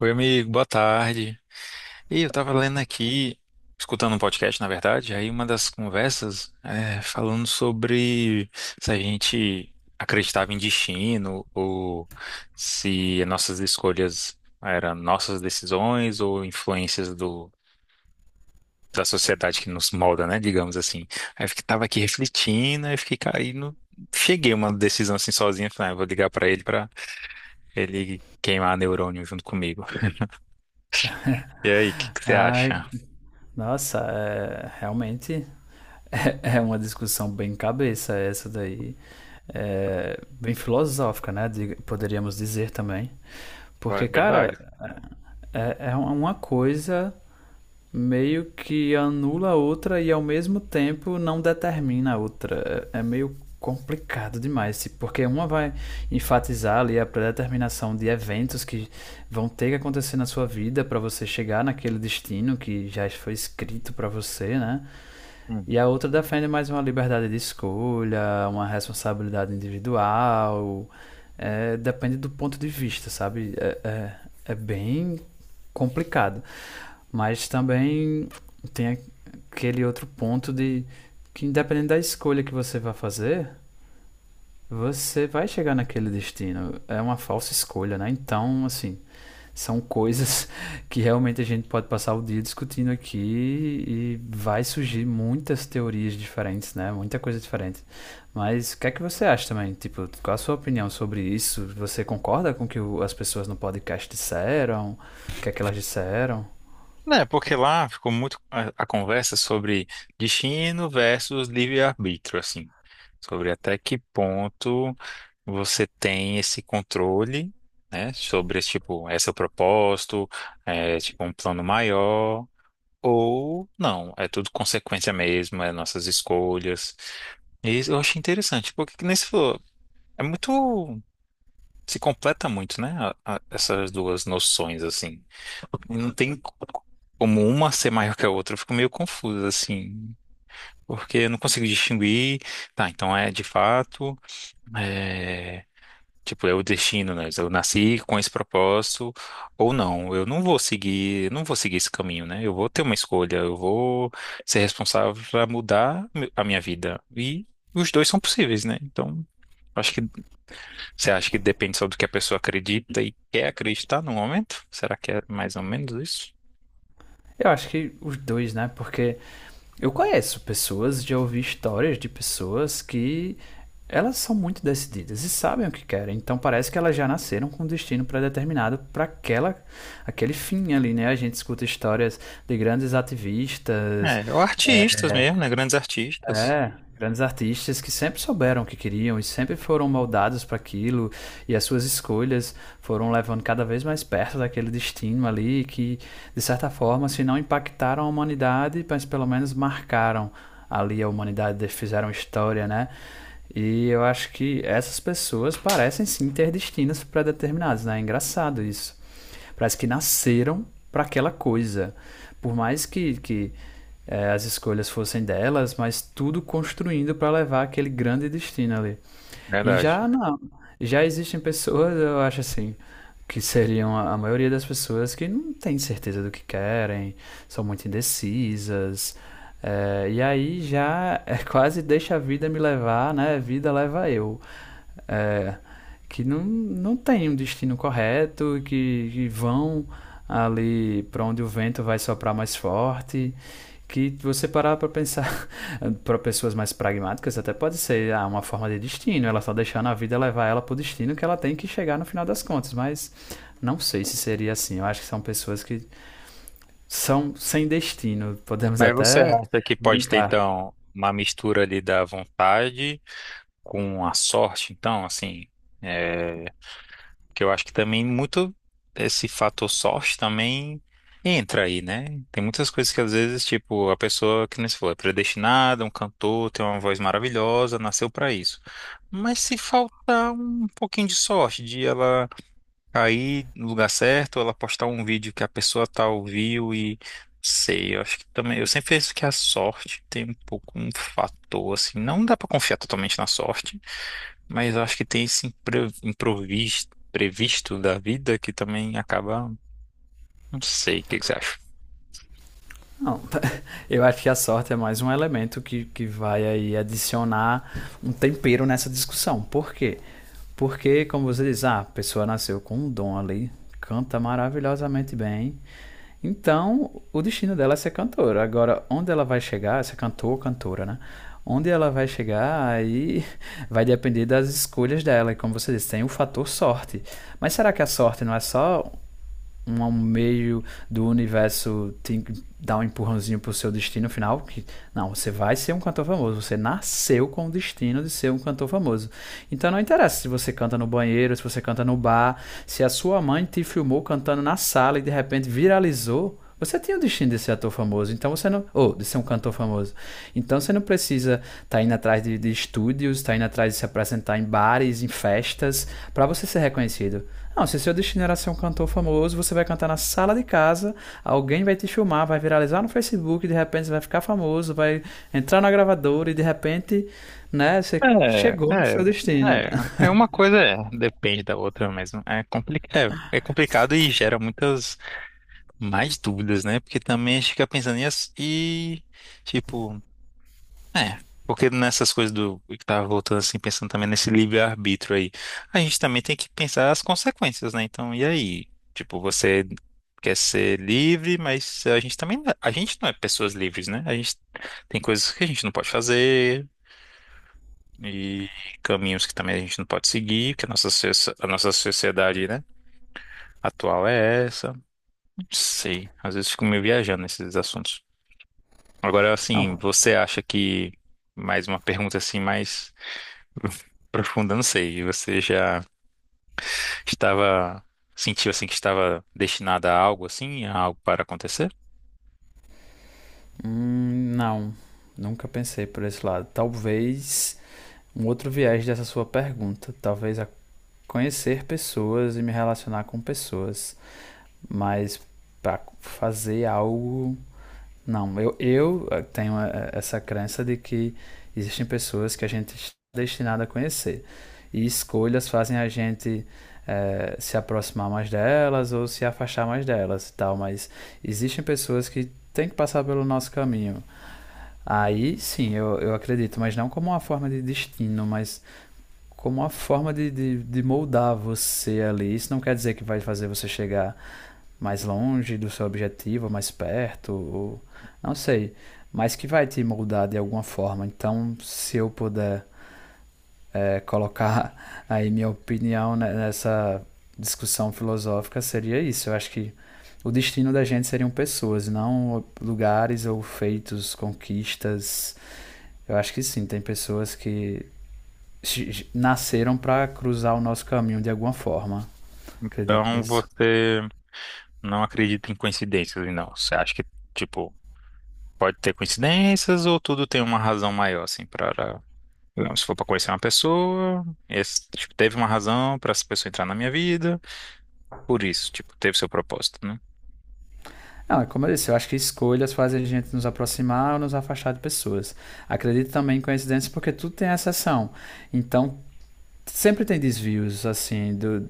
Oi, amigo, boa tarde. E eu tava lendo aqui, escutando um podcast, na verdade, aí uma das conversas falando sobre se a gente acreditava em destino ou se nossas escolhas eram nossas decisões ou influências da sociedade que nos molda, né, digamos assim. Aí eu tava aqui refletindo, aí fiquei caindo, cheguei a uma decisão assim sozinha, falei, ah, eu vou ligar pra ele queimar neurônio junto comigo. E aí, o que que você Ai, acha? nossa, realmente é uma discussão bem cabeça essa daí. É, bem filosófica, né? Poderíamos dizer também. Porque, cara, Verdade. É uma coisa meio que anula a outra e ao mesmo tempo não determina a outra. É meio complicado demais, porque uma vai enfatizar ali a predeterminação de eventos que vão ter que acontecer na sua vida para você chegar naquele destino que já foi escrito para você, né? Hum. E a outra defende mais uma liberdade de escolha, uma responsabilidade individual. É, depende do ponto de vista, sabe? É bem complicado. Mas também tem aquele outro ponto de que independente da escolha que você vai fazer, você vai chegar naquele destino. É uma falsa escolha, né? Então, assim, são coisas que realmente a gente pode passar o dia discutindo aqui e vai surgir muitas teorias diferentes, né? Muita coisa diferente. Mas o que é que você acha também? Tipo, qual a sua opinião sobre isso? Você concorda com o que as pessoas no podcast disseram? O que é que elas disseram? Né, porque lá ficou muito a conversa sobre destino versus livre-arbítrio, assim. Sobre até que ponto você tem esse controle, né? Sobre, tipo, é seu propósito, é, tipo, um plano maior, ou não. É tudo consequência mesmo, é nossas escolhas. E isso eu achei interessante, porque, que nem você falou, é muito. Se completa muito, né? Essas duas noções, assim. E não tem como uma ser maior que a outra. Eu fico meio confuso, assim, porque eu não consigo distinguir. Tá, então é de fato, é, tipo, é o destino, né? Eu nasci com esse propósito ou não. Eu não vou seguir esse caminho, né? Eu vou ter uma escolha, eu vou ser responsável para mudar a minha vida. E os dois são possíveis, né? Então, acho que você acha que depende só do que a pessoa acredita e quer acreditar no momento? Será que é mais ou menos isso? Eu acho que os dois, né? Porque eu conheço pessoas, já ouvi histórias de pessoas que elas são muito decididas e sabem o que querem. Então parece que elas já nasceram com um destino pré-determinado para aquela aquele fim ali, né? A gente escuta histórias de grandes ativistas, É, ou artistas mesmo, né? Grandes artistas. é, grandes artistas que sempre souberam o que queriam e sempre foram moldados para aquilo, e as suas escolhas foram levando cada vez mais perto daquele destino ali que, de certa forma, se não impactaram a humanidade, mas pelo menos marcaram ali a humanidade, fizeram história, né? E eu acho que essas pessoas parecem sim ter destinos pré-determinados, né? É engraçado isso. Parece que nasceram para aquela coisa. Por mais que é, as escolhas fossem delas, mas tudo construindo para levar aquele grande destino ali. E Verdade. já não, já existem pessoas, eu acho assim, que seriam a maioria das pessoas que não tem certeza do que querem, são muito indecisas. É, e aí já é quase deixa a vida me levar, né? Vida leva eu. É, que não, não tem um destino correto, que vão ali para onde o vento vai soprar mais forte. Que você parar para pensar, para pessoas mais pragmáticas, até pode ser ah, uma forma de destino, ela está deixando a vida levar ela para o destino que ela tem que chegar no final das contas, mas não sei se seria assim. Eu acho que são pessoas que são sem destino, podemos Mas você até acha que pode ter, brincar. então, uma mistura ali da vontade com a sorte, então, assim, é, que eu acho que também muito esse fator sorte também entra aí, né? Tem muitas coisas que às vezes, tipo, a pessoa que nem se falou, é predestinada, um cantor, tem uma voz maravilhosa, nasceu pra isso. Mas se faltar um pouquinho de sorte, de ela cair no lugar certo, ela postar um vídeo que a pessoa tal viu e sei, eu acho que também, eu sempre penso que a sorte tem um pouco um fator assim, não dá pra confiar totalmente na sorte, mas eu acho que tem esse improviso previsto da vida que também acaba, não sei, o que que você acha? Não, eu acho que a sorte é mais um elemento que vai aí adicionar um tempero nessa discussão. Por quê? Porque, como você diz, ah, a pessoa nasceu com um dom ali, canta maravilhosamente bem. Então, o destino dela é ser cantora. Agora, onde ela vai chegar, se é cantor ou cantora, né? Onde ela vai chegar, aí vai depender das escolhas dela. E como você disse, tem o fator sorte. Mas será que a sorte não é só um meio do universo te dar um empurrãozinho pro seu destino final, que não, você vai ser um cantor famoso, você nasceu com o destino de ser um cantor famoso. Então não interessa se você canta no banheiro, se você canta no bar, se a sua mãe te filmou cantando na sala e de repente viralizou, você tem o destino de ser ator famoso, então você não. Ou de ser um cantor famoso. Então você não precisa estar tá indo atrás de estúdios, estar tá indo atrás de se apresentar em bares, em festas, para você ser reconhecido. Não, se seu destino era ser um cantor famoso, você vai cantar na sala de casa, alguém vai te filmar, vai viralizar no Facebook, e de repente você vai ficar famoso, vai entrar na gravadora e de repente, né, você É, chegou no seu é, destino. é, é uma coisa, é, depende da outra mesmo. É, compli é, é complicado e gera muitas mais dúvidas, né? Porque também a gente fica pensando nisso e, tipo, é, porque nessas coisas do que tava voltando assim, pensando também nesse livre-arbítrio aí, a gente também tem que pensar as consequências, né? Então, e aí? Tipo, você quer ser livre, mas a gente também, a gente não é pessoas livres, né? A gente tem coisas que a gente não pode fazer e caminhos que também a gente não pode seguir, que a nossa, a nossa sociedade, né, atual é essa. Não sei, às vezes fico meio viajando nesses assuntos. Agora, assim, Não, mais uma pergunta assim, mais profunda, não sei. E você estava, sentiu assim que estava destinada a algo assim, a algo para acontecer? Não, nunca pensei por esse lado. Talvez um outro viés dessa sua pergunta, talvez a conhecer pessoas e me relacionar com pessoas, mas para fazer algo não, eu tenho essa crença de que existem pessoas que a gente está destinado a conhecer. E escolhas fazem a gente se aproximar mais delas ou se afastar mais delas e tal. Mas existem pessoas que têm que passar pelo nosso caminho. Aí sim, eu acredito, mas não como uma forma de destino, mas como uma forma de moldar você ali. Isso não quer dizer que vai fazer você chegar mais longe do seu objetivo, mais perto, ou não sei, mas que vai te moldar de alguma forma. Então, se eu puder é, colocar aí minha opinião nessa discussão filosófica, seria isso. Eu acho que o destino da gente seriam pessoas, não lugares ou feitos, conquistas. Eu acho que sim, tem pessoas que nasceram para cruzar o nosso caminho de alguma forma. Acredito Então nisso. você não acredita em coincidências, não. Você acha que, tipo, pode ter coincidências ou tudo tem uma razão maior, assim, para. Não, se for para conhecer uma pessoa, tipo, teve uma razão para essa pessoa entrar na minha vida. Por isso, tipo, teve seu propósito, né? Não, é como eu disse, eu acho que escolhas fazem a gente nos aproximar ou nos afastar de pessoas. Acredito também em coincidências porque tudo tem exceção. Então, sempre tem desvios, assim, do,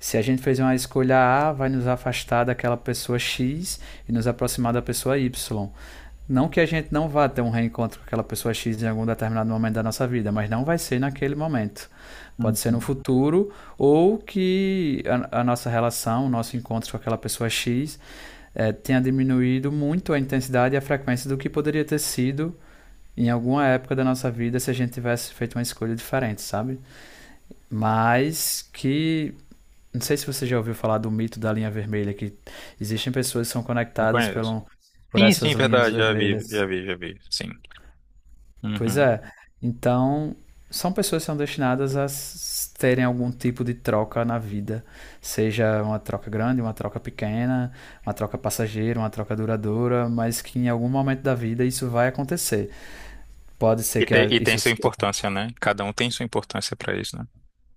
se a gente fez uma escolha A, vai nos afastar daquela pessoa X e nos aproximar da pessoa Y. Não que a gente não vá ter um reencontro com aquela pessoa X em algum determinado momento da nossa vida, mas não vai ser naquele momento. Pode ser no Uhum. futuro, ou que a nossa relação, o nosso encontro com aquela pessoa X é, tenha diminuído muito a intensidade e a frequência do que poderia ter sido em alguma época da nossa vida se a gente tivesse feito uma escolha diferente, sabe? Mas que. Não sei se você já ouviu falar do mito da linha vermelha, que existem pessoas que são Não conectadas conheço. pelo, por Sim, essas sim, linhas verdade, vermelhas. Já vi, sim. Pois Uhum. é. Então, são pessoas que são destinadas a terem algum tipo de troca na vida, seja uma troca grande, uma troca pequena, uma troca passageira, uma troca duradoura, mas que em algum momento da vida isso vai acontecer. Pode ser E, que e tem isso sua seja. importância, né? Cada um tem sua importância pra isso, né?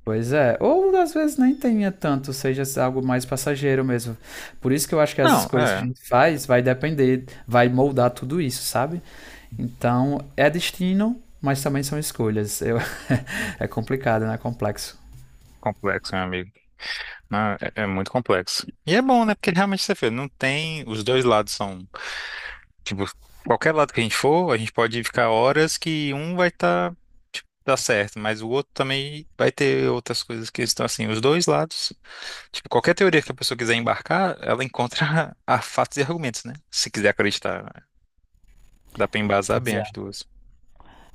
Pois é, ou às vezes nem tenha tanto, seja algo mais passageiro mesmo. Por isso que eu acho que as Não, escolhas que a é gente faz vai depender, vai moldar tudo isso, sabe? Então, é destino, mas também são escolhas. Eu- é complicado, né? Complexo. complexo, meu amigo. Não, é, é muito complexo. E é bom, né? Porque realmente você vê, não tem. Os dois lados são. Tipo, qualquer lado que a gente for, a gente pode ficar horas que um vai estar, tipo, dar certo, mas o outro também vai ter outras coisas que estão assim. Os dois lados, tipo, qualquer teoria que a pessoa quiser embarcar, ela encontra a fatos e argumentos, né? Se quiser acreditar, dá pra embasar Pois bem é, as duas.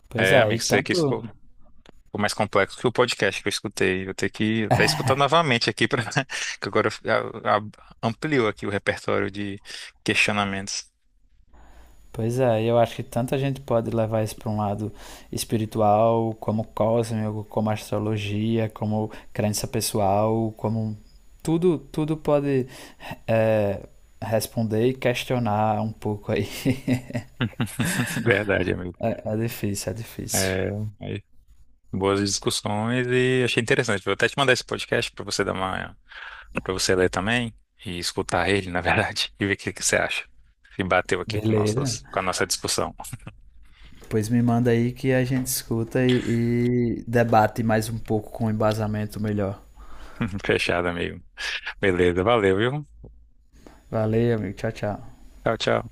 É, e amigo, isso aqui tanto, ficou mais complexo que o podcast que eu escutei. Vou ter que até escutar novamente aqui, pra... que agora ampliou aqui o repertório de questionamentos. pois é, eu acho que tanta gente pode levar isso para um lado espiritual, como cósmico, como astrologia, como crença pessoal, como tudo, tudo pode é, responder e questionar um pouco aí. Verdade, amigo. É, é difícil, é difícil. É, aí, boas discussões e achei interessante. Vou até te mandar esse podcast para para você ler também e escutar ele, na verdade, e ver o que que você acha. Se bateu aqui com Beleza. Com a nossa discussão. Pois me manda aí que a gente escuta e debate mais um pouco com um embasamento melhor. Fechado, amigo. Beleza, valeu, viu? Valeu, amigo. Tchau, tchau. Tchau, tchau.